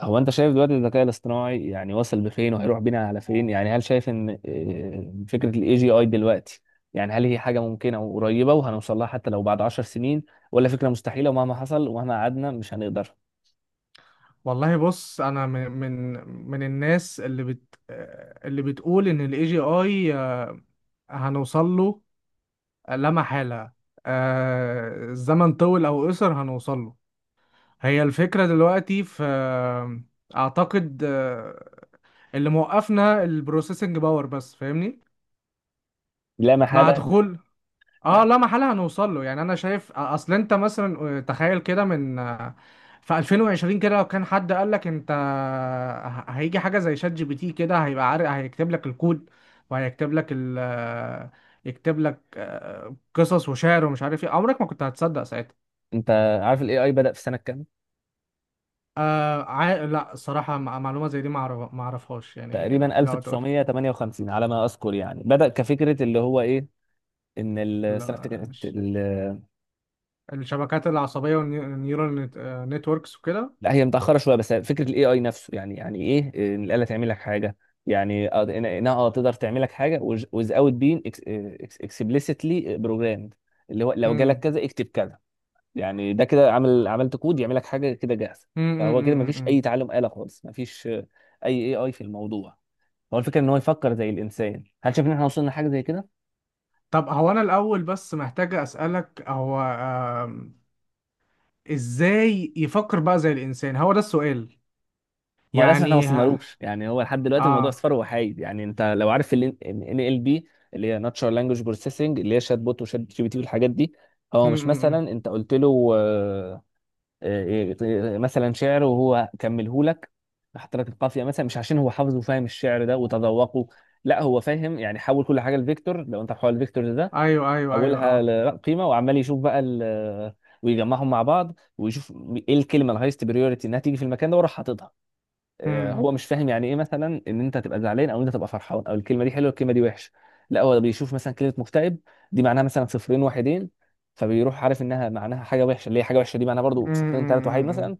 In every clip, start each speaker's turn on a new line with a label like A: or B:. A: هو انت شايف دلوقتي الذكاء الاصطناعي يعني وصل بفين وهيروح بينا على فين؟ يعني هل شايف ان فكرة الاي جي اي دلوقتي يعني هل هي حاجة ممكنة وقريبة وهنوصل لها حتى لو بعد 10 سنين، ولا فكرة مستحيلة ومهما حصل ومهما قعدنا مش هنقدر؟
B: والله بص، انا من الناس اللي بتقول ان الاي جي اي هنوصل له لا محالة. الزمن طول او قصر هنوصل له. هي الفكرة دلوقتي في، اعتقد، اللي موقفنا البروسيسنج باور بس. فاهمني؟
A: لا
B: مع
A: محالة.
B: دخول اه
A: يعني
B: لا محالة هنوصل له. يعني انا شايف، اصل انت مثلا تخيل كده، في 2020 كده لو كان حد قال لك انت هيجي حاجة زي شات جي بي تي، كده هيبقى عارف، هيكتب لك الكود وهيكتب لك ال يكتب لك قصص وشعر ومش عارف ايه، عمرك ما كنت هتصدق ساعتها.
A: انت عارف الاي اي بدأ في سنة كام؟
B: لا، الصراحة معلومة زي دي ما اعرفهاش يعني. لا،
A: تقريبا
B: لا، تقول.
A: 1958 على ما اذكر، يعني بدأ كفكرة، اللي هو ايه؟ ان السنة،
B: لا، الشبكات العصبية والنيورال نتوركس وكده.
A: لا هي متأخرة شوية، بس فكرة الاي اي نفسه، يعني يعني ايه ان الآلة تعمل لك حاجة، يعني انها تقدر تعمل لك حاجة without being explicitly programmed، اللي هو لو جالك
B: امم،
A: كذا اكتب كذا. يعني ده كده عمل، عملت كود يعمل لك حاجة كده جاهزة.
B: امم،
A: فهو كده مفيش أي تعلم آلة خالص، مفيش أي اي اي في الموضوع. هو الفكرة ان هو يفكر زي الإنسان، هل شايف ان احنا وصلنا لحاجة زي كده؟
B: طب هو انا الاول بس محتاج اسالك، هو ازاي يفكر بقى زي الانسان؟ هو ده السؤال
A: ما هو للاسف احنا ما
B: يعني. ها؟
A: وصلنالوش، يعني هو لحد دلوقتي الموضوع
B: اه.
A: اصفار وحايد. يعني انت لو عارف ال ان ال بي اللي هي ناتشرال لانجوج بروسيسنج، اللي هي شات بوت وشات جي بي تي والحاجات دي،
B: م
A: هو مش
B: -م
A: مثلا
B: -م.
A: انت قلت له مثلا شعر وهو كملهولك، حط لك القافيه مثلا، مش عشان هو حافظ وفاهم الشعر ده وتذوقه، لا، هو فاهم يعني حول كل حاجه لفيكتور، لو انت محول الفيكتور ده
B: ايوه ايوه ايوه.
A: حولها
B: اه.
A: لقيمه، وعمال يشوف بقى ويجمعهم مع بعض ويشوف ايه الكلمه الهايست بريوريتي انها تيجي في المكان ده وراح حاططها.
B: -م -م
A: هو مش فاهم يعني ايه مثلا ان انت تبقى زعلان او ان انت تبقى فرحان، او الكلمه دي حلوه الكلمه دي وحشه، لا هو بيشوف مثلا كلمه مكتئب دي معناها مثلا صفرين واحدين، فبيروح عارف انها معناها حاجه وحشه، اللي هي حاجه وحشه دي معناها
B: -م
A: برضو صفرين ثلاث واحد
B: -م.
A: مثلا.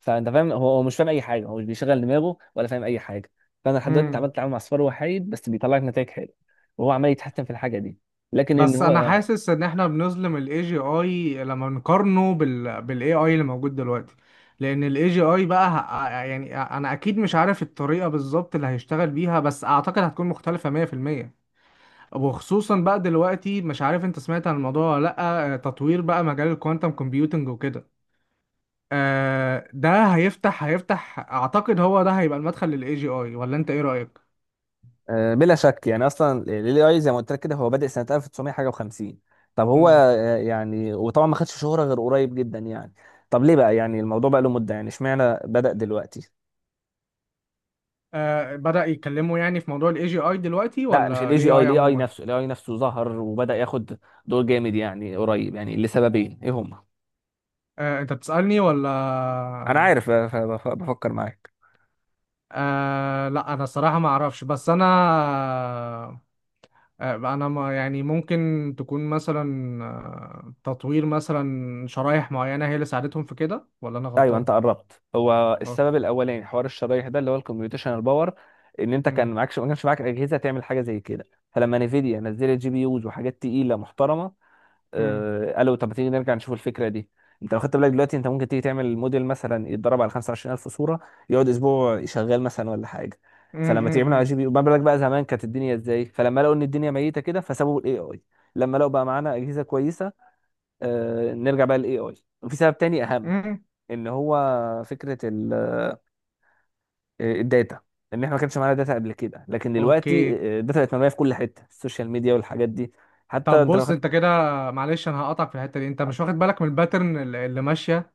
A: فانت فاهم، هو هو مش فاهم اي حاجه، هو مش بيشغل دماغه ولا فاهم اي حاجه. فانا
B: م.
A: لحد دلوقتي
B: م.
A: اتعامل مع صفار وحيد بس بيطلع لك نتائج حلوه، وهو عمال يتحسن في الحاجه دي، لكن ان
B: بس انا
A: هو
B: حاسس ان احنا بنظلم الاي جي اي لما نقارنه بالاي اي اللي موجود دلوقتي. لان الاي جي اي بقى، يعني، انا اكيد مش عارف الطريقه بالظبط اللي هيشتغل بيها، بس اعتقد هتكون مختلفه 100%. وخصوصا بقى دلوقتي، مش عارف انت سمعت عن الموضوع ولا لا، تطوير بقى مجال الكوانتم كومبيوتنج وكده. ده هيفتح اعتقد هو ده هيبقى المدخل للاي جي اي. ولا انت ايه رأيك؟
A: بلا شك، يعني اصلا ال AI زي ما قلت لك كده هو بادئ سنه 1900 حاجه و50. طب هو
B: مم.
A: يعني، وطبعا ما خدش شهره غير قريب جدا يعني. طب ليه بقى يعني الموضوع بقى له مده، يعني اشمعنى بدأ دلوقتي؟
B: بدأ يتكلموا يعني في موضوع الاي جي اي دلوقتي،
A: لا، مش
B: ولا
A: الاي جي
B: الاي
A: اي،
B: اي
A: الاي اي
B: عموما؟
A: نفسه، الاي اي نفسه ظهر وبدأ ياخد دور جامد يعني قريب، يعني لسببين، ايه هما؟
B: انت بتسألني ولا؟
A: انا عارف بفكر معاك.
B: لا، انا الصراحة ما اعرفش، بس انا ما يعني، ممكن تكون مثلا تطوير مثلا شرايح معينة هي اللي ساعدتهم في كده؟ ولا انا
A: ايوه،
B: غلطان؟
A: انت قربت، هو
B: اوكي.
A: السبب الاولاني حوار الشرايح ده، اللي هو الكمبيوتيشنال باور. ان انت كان
B: مم.
A: معكش ما كانش معاك اجهزه تعمل حاجه زي كده، فلما نيفيديا نزلت جي بي يوز وحاجات تقيله محترمه،
B: مم.
A: قالوا طب ما تيجي نرجع نشوف الفكره دي. انت لو خدت بالك دلوقتي، انت ممكن تيجي تعمل موديل مثلا يتدرب على 25000 صوره، يقعد اسبوع شغال مثلا ولا حاجه.
B: مم.
A: فلما تعمله على
B: مم.
A: جي بي يو، ما بالك بقى زمان كانت الدنيا ازاي؟ فلما لقوا ان الدنيا ميته كده فسابوا الاي اي، لما لقوا بقى معانا اجهزه كويسه، نرجع بقى للاي اي. وفي سبب تاني اهم،
B: مم.
A: ان هو فكره الداتا، ان احنا ما كانش معانا داتا قبل كده، لكن دلوقتي
B: اوكي.
A: الداتا بقت مرميه في كل حته، السوشيال ميديا والحاجات دي. حتى
B: طب
A: انت لو
B: بص انت
A: خدت،
B: كده، معلش انا هقطعك في الحتة دي، انت مش واخد بالك من الباترن اللي ماشية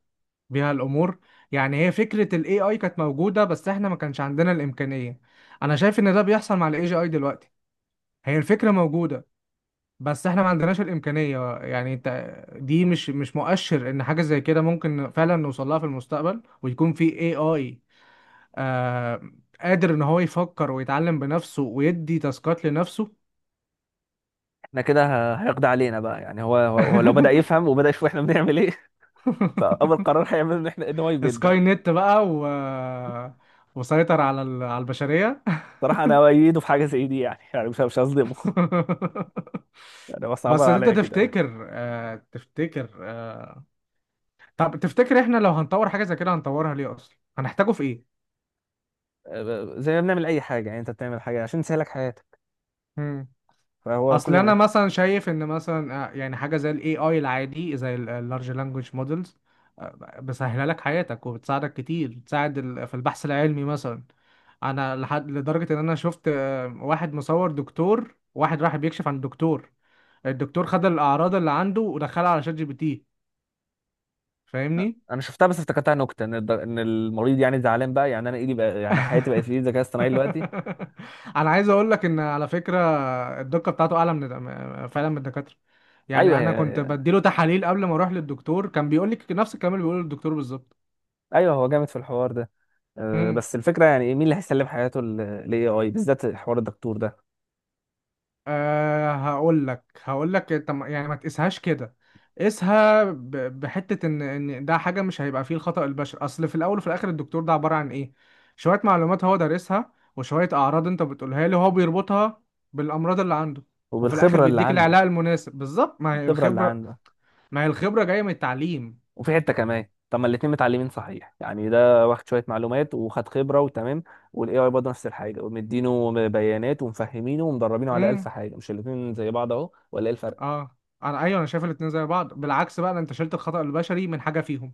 B: بيها الامور؟ يعني هي فكرة الاي اي كانت موجودة بس احنا ما كانش عندنا الامكانية، انا شايف ان ده بيحصل مع الاي جي اي دلوقتي. هي الفكرة موجودة بس احنا ما عندناش الامكانيه، يعني انت، دي مش مؤشر ان حاجه زي كده ممكن فعلا نوصل لها في المستقبل ويكون في اي اي آه قادر ان هو يفكر ويتعلم بنفسه ويدي تاسكات لنفسه؟
A: احنا كده هيقضي علينا بقى، يعني هو لو بدأ يفهم وبدأ يشوف احنا بنعمل ايه فأول قرار هيعمله ان احنا، ان هو يبيدنا.
B: سكاي نت بقى وسيطر على على البشريه.
A: صراحة انا أؤيده في حاجة زي دي يعني يعني مش هظلمه يعني، بس عمال
B: بس انت
A: عليا كده يعني.
B: تفتكر آه تفتكر آه طب تفتكر، احنا لو هنطور حاجه زي كده هنطورها ليه اصلا، هنحتاجه في
A: أه، زي ما بنعمل اي حاجة، يعني انت بتعمل حاجة عشان تسهلك حياتك،
B: ايه؟
A: فهو
B: اصل
A: كل
B: انا
A: ما
B: مثلا شايف ان مثلا، يعني، حاجه زي الاي اي العادي زي اللارج لانجوج مودلز بسهله لك حياتك وبتساعدك كتير، بتساعد في البحث العلمي مثلا. انا لدرجه ان انا شفت، واحد مصور دكتور، واحد راح بيكشف عن دكتور، الدكتور خد الاعراض اللي عنده ودخلها على شات جي بي تي. فاهمني؟
A: انا شفتها بس افتكرتها نكتة، ان ان المريض يعني زعلان بقى، يعني انا ايدي بقى، يعني حياتي بقت في ايد الذكاء الاصطناعي دلوقتي.
B: انا عايز اقول لك ان، على فكره، الدقه بتاعته اعلى فعلا من الدكاتره.
A: ايوه
B: يعني انا كنت
A: هي،
B: بديله تحاليل قبل ما اروح للدكتور، كان بيقول لي نفس الكلام اللي بيقوله الدكتور بالظبط.
A: ايوه هو جامد في الحوار ده. أه،
B: امم.
A: بس الفكرة يعني مين اللي هيسلم حياته للاي اي بالذات حوار الدكتور ده؟
B: هقول لك، طب يعني ما تقيسهاش كده، قيسها بحته ان ده حاجه مش هيبقى فيه الخطا البشري. اصل في الاول وفي الاخر، الدكتور ده عباره عن ايه؟ شويه معلومات هو دارسها، وشويه اعراض انت بتقولها له، هو بيربطها بالامراض اللي عنده وفي الاخر
A: وبالخبرة اللي
B: بيديك
A: عنده.
B: العلاج المناسب بالظبط. ما هي
A: الخبرة اللي
B: الخبره،
A: عنده.
B: ما هي الخبرة جاية من التعليم.
A: وفي حته كمان، طب ما الاتنين متعلمين صحيح، يعني ده واخد شويه معلومات وخد خبره وتمام، والاي اي برضه نفس الحاجه، ومدينه بيانات ومفهمينه ومدربينه على الف
B: امم.
A: حاجه، مش الاتنين زي بعض اهو؟ ولا ايه الفرق؟
B: اه. ايوه، انا شايف الاتنين زي بعض، بالعكس بقى ده انت شلت الخطأ البشري من حاجة فيهم.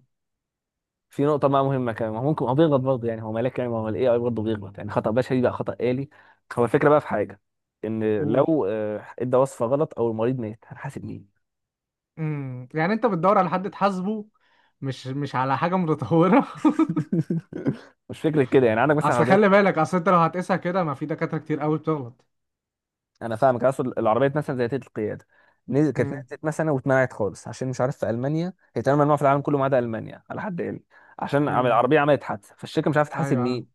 A: في نقطه بقى مهمه كمان، ما هو ممكن هو بيغلط برضه يعني، هو ملاك يعني؟ ما هو الاي اي برضه بيغلط، يعني خطا بشري بقى خطا آلي. هو الفكره بقى في حاجه، ان
B: قول.
A: لو ادى وصفه غلط او المريض مات، هنحاسب مين؟
B: امم. يعني انت بتدور على حد تحاسبه، مش على حاجة متطورة.
A: مش فكره كده، يعني عندك مثلا
B: اصل
A: عربيات.
B: خلي بالك، اصل انت لو هتقيسها كده، ما في دكاترة كتير قوي بتغلط.
A: انا فاهمك، اصل العربيات مثلا زي تيت القياده، كانت
B: امم.
A: نزلت مثلا واتمنعت خالص، عشان مش عارف في المانيا هي تقريبا ممنوعه في العالم كله ما عدا المانيا على حد علمي. عشان
B: امم.
A: العربيه عملت حادثه فالشركه مش عارفه تحاسب
B: ايوه.
A: مين.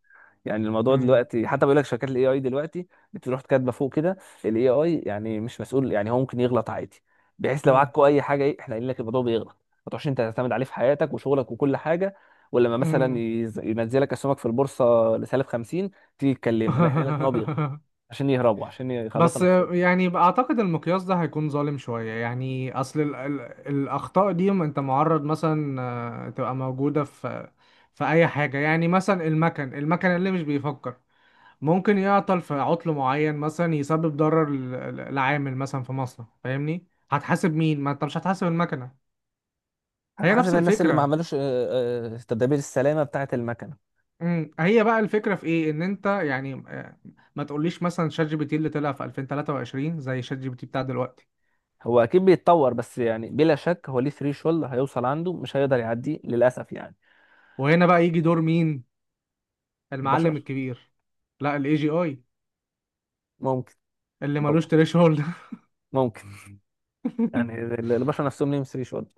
A: يعني الموضوع
B: امم.
A: دلوقتي، حتى بيقول لك شركات الاي اي دلوقتي بتروح كاتبه فوق كده الاي اي يعني مش مسؤول، يعني هو ممكن يغلط عادي، بحيث لو
B: امم.
A: عكوا اي حاجه ايه احنا قايلين لك الموضوع بيغلط، ما تروحش انت تعتمد عليه في حياتك وشغلك وكل حاجه، ولما مثلا
B: امم.
A: ينزلك اسهمك في البورصه لسالب 50 تيجي تكلمنا، لا، احنا قايل لك ان هو بيغلط، عشان يهربوا عشان يخلصوا
B: بس
A: نفسهم.
B: يعني اعتقد المقياس ده هيكون ظالم شوية. يعني اصل ال الاخطاء دي انت معرض، مثلا تبقى موجودة في، في اي حاجة. يعني مثلا المكن اللي مش بيفكر، ممكن يعطل في عطل معين مثلا، يسبب ضرر لعامل مثلا في مصنع. فاهمني؟ هتحاسب مين؟ ما انت مش هتحاسب المكنة، هي
A: هتحاسب
B: نفس
A: الناس اللي ما
B: الفكرة.
A: عملوش تدابير السلامة بتاعة المكنة.
B: امم. هي بقى الفكرة في ايه؟ ان انت يعني ما تقوليش مثلا شات جي بي تي اللي طلع في 2023 زي شات جي بي تي بتاع دلوقتي.
A: هو أكيد بيتطور، بس يعني بلا شك هو ليه ثريشولد هيوصل عنده مش هيقدر يعديه للأسف يعني.
B: وهنا بقى يجي دور مين؟ المعلم
A: البشر
B: الكبير. لا، الاي جي اي
A: ممكن.
B: اللي
A: أو
B: ملوش تريش هولد.
A: ممكن، يعني البشر نفسهم ليهم ثريشولد.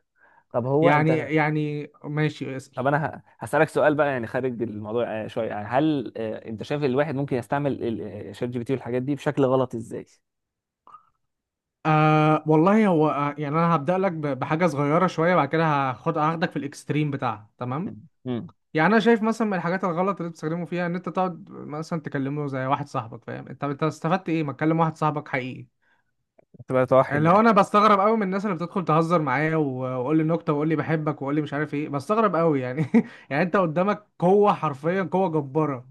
A: طب هو أنت،
B: يعني ماشي
A: طب
B: اسأل.
A: أنا هسألك سؤال بقى يعني خارج الموضوع شوية، يعني هل أنت شايف الواحد ممكن يستعمل شات جي بي تي والحاجات دي بشكل غلط إزاي؟
B: والله، هو يعني، انا هبدأ لك بحاجة صغيرة شوية، بعد كده هاخدك في الاكستريم بتاعها، تمام؟
A: مم. مم.
B: يعني انا شايف مثلا من الحاجات الغلط اللي بتستخدمه فيها، ان انت تقعد مثلا تكلمه زي واحد صاحبك. فاهم انت استفدت ايه؟ ما تكلم واحد صاحبك حقيقي،
A: تبقى توحد
B: اللي هو
A: يعني.
B: انا بستغرب قوي من الناس اللي بتدخل تهزر معايا وقول لي نكته وقول لي بحبك وقول لي مش عارف ايه. بستغرب قوي يعني. يعني انت قدامك قوه، حرفيا قوه جباره،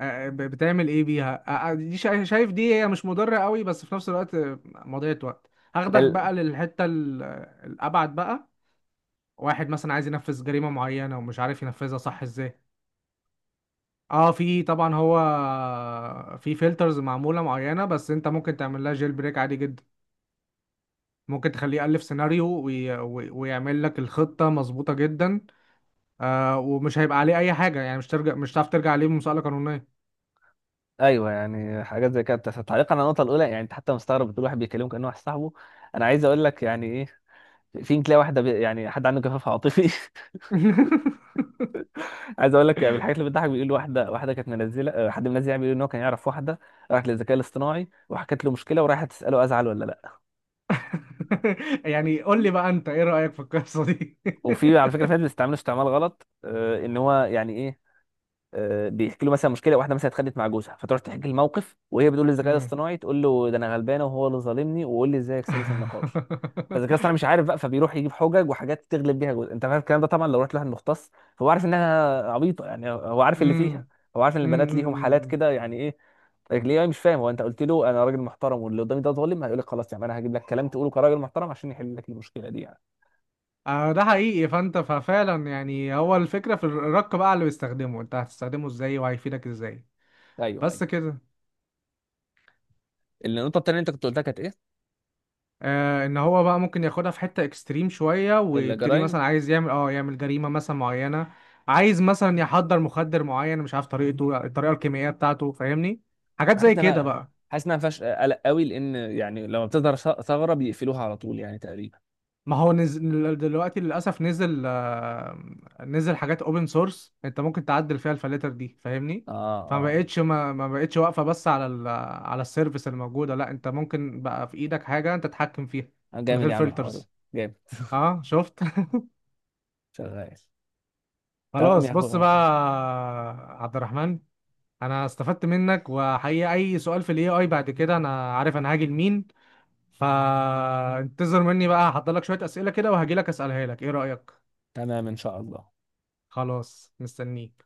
B: بتعمل ايه بيها؟ دي شايف دي هي مش مضرة قوي، بس في نفس الوقت مضيعة وقت. هاخدك
A: لا.
B: بقى للحتة الابعد بقى. واحد مثلا عايز ينفذ جريمة معينة ومش عارف ينفذها صح ازاي. اه، في طبعا، هو في فلترز معمولة معينة، بس انت ممكن تعمل لها جيل بريك عادي جدا. ممكن تخليه يألف سيناريو ويعمل لك الخطة مظبوطة جدا. ومش هيبقى عليه اي حاجة يعني، مش ترجع، مش هتعرف ترجع عليه بمسألة قانونية.
A: ايوه يعني حاجات زي كده، بس تعليقا على النقطه الاولى يعني انت حتى مستغرب بتقول واحد بيكلمه كانه واحد صاحبه، انا عايز اقول لك يعني ايه، في يمكن تلاقي يعني حد عنده جفاف عاطفي عايز اقول لك يعني من الحاجات اللي بتضحك، بيقول واحده كانت منزله حد منزل يعني بيقول ان هو كان يعرف واحده راحت للذكاء الاصطناعي وحكت له مشكله وراحت تساله ازعل ولا لا.
B: يعني قول لي بقى انت ايه رأيك في القصة دي؟
A: وفي على فكره في ناس بيستعملوا استعمال غلط ان هو يعني ايه، بيحكي له مثلا مشكله، واحده مثلا اتخانقت مع جوزها فتروح تحكي الموقف، وهي بتقول للذكاء
B: مم.
A: الاصطناعي تقول له ده انا غلبانه وهو اللي ظالمني، وقول لي ازاي اكسبه في النقاش. فالذكاء الاصطناعي مش عارف بقى فبيروح يجيب حجج وحاجات تغلب بيها جوزها. انت فاهم الكلام ده؟ طبعا لو رحت لواحد مختص فهو عارف انها عبيطه يعني، هو عارف اللي فيها،
B: مم.
A: هو عارف ان
B: مم.
A: البنات ليهم حالات
B: مم.
A: كده، يعني ايه، ليه مش فاهم؟ هو انت قلت له انا راجل محترم واللي قدامي ده ظالم، هيقول لك خلاص يعني انا هجيب لك كلام تقوله كراجل محترم عشان يحل لك المشكله دي يعني.
B: ده حقيقي، فانت ففعلا يعني، هو الفكرة في الرق بقى اللي بيستخدمه، انت هتستخدمه ازاي وهيفيدك ازاي؟
A: ايوه ايوه.
B: بس كده.
A: النقطه التانيه اللي انت كنت قلتها كانت ايه؟
B: ان هو بقى ممكن ياخدها في حتة اكستريم شوية ويبتدي
A: الجرائم.
B: مثلا عايز يعمل جريمة مثلا معينة، عايز مثلا يحضر مخدر معين مش عارف طريقته، الطريقة الكيميائية بتاعته. فاهمني؟
A: مش
B: حاجات زي
A: حاسس ان
B: كده
A: انا
B: بقى.
A: حاسس ان انا ما فيهاش قلق قوي، لان يعني لما بتظهر ثغره بيقفلوها على طول يعني تقريبا.
B: ما هو نزل دلوقتي للأسف، نزل حاجات اوبن سورس انت ممكن تعدل فيها الفلاتر دي. فاهمني؟
A: اه.
B: فما
A: اه.
B: بقتش ما بقتش واقفة بس على السيرفيس الموجودة. لا، انت ممكن بقى في ايدك حاجة انت تتحكم فيها من
A: جامد
B: غير
A: يا عم الحوار ده.
B: فلترز.
A: جامد
B: اه، شفت؟
A: شغال. تمام يا
B: خلاص بص
A: اخويا.
B: بقى. عبد الرحمن، انا استفدت منك، وحقيقة اي سؤال في الاي اي بعد كده انا عارف انا هاجي لمين. فانتظر مني بقى، هحضر لك شوية أسئلة كده وهجي لك أسألها لك، ايه رأيك؟
A: تمام ان شاء الله.
B: خلاص، مستنيك.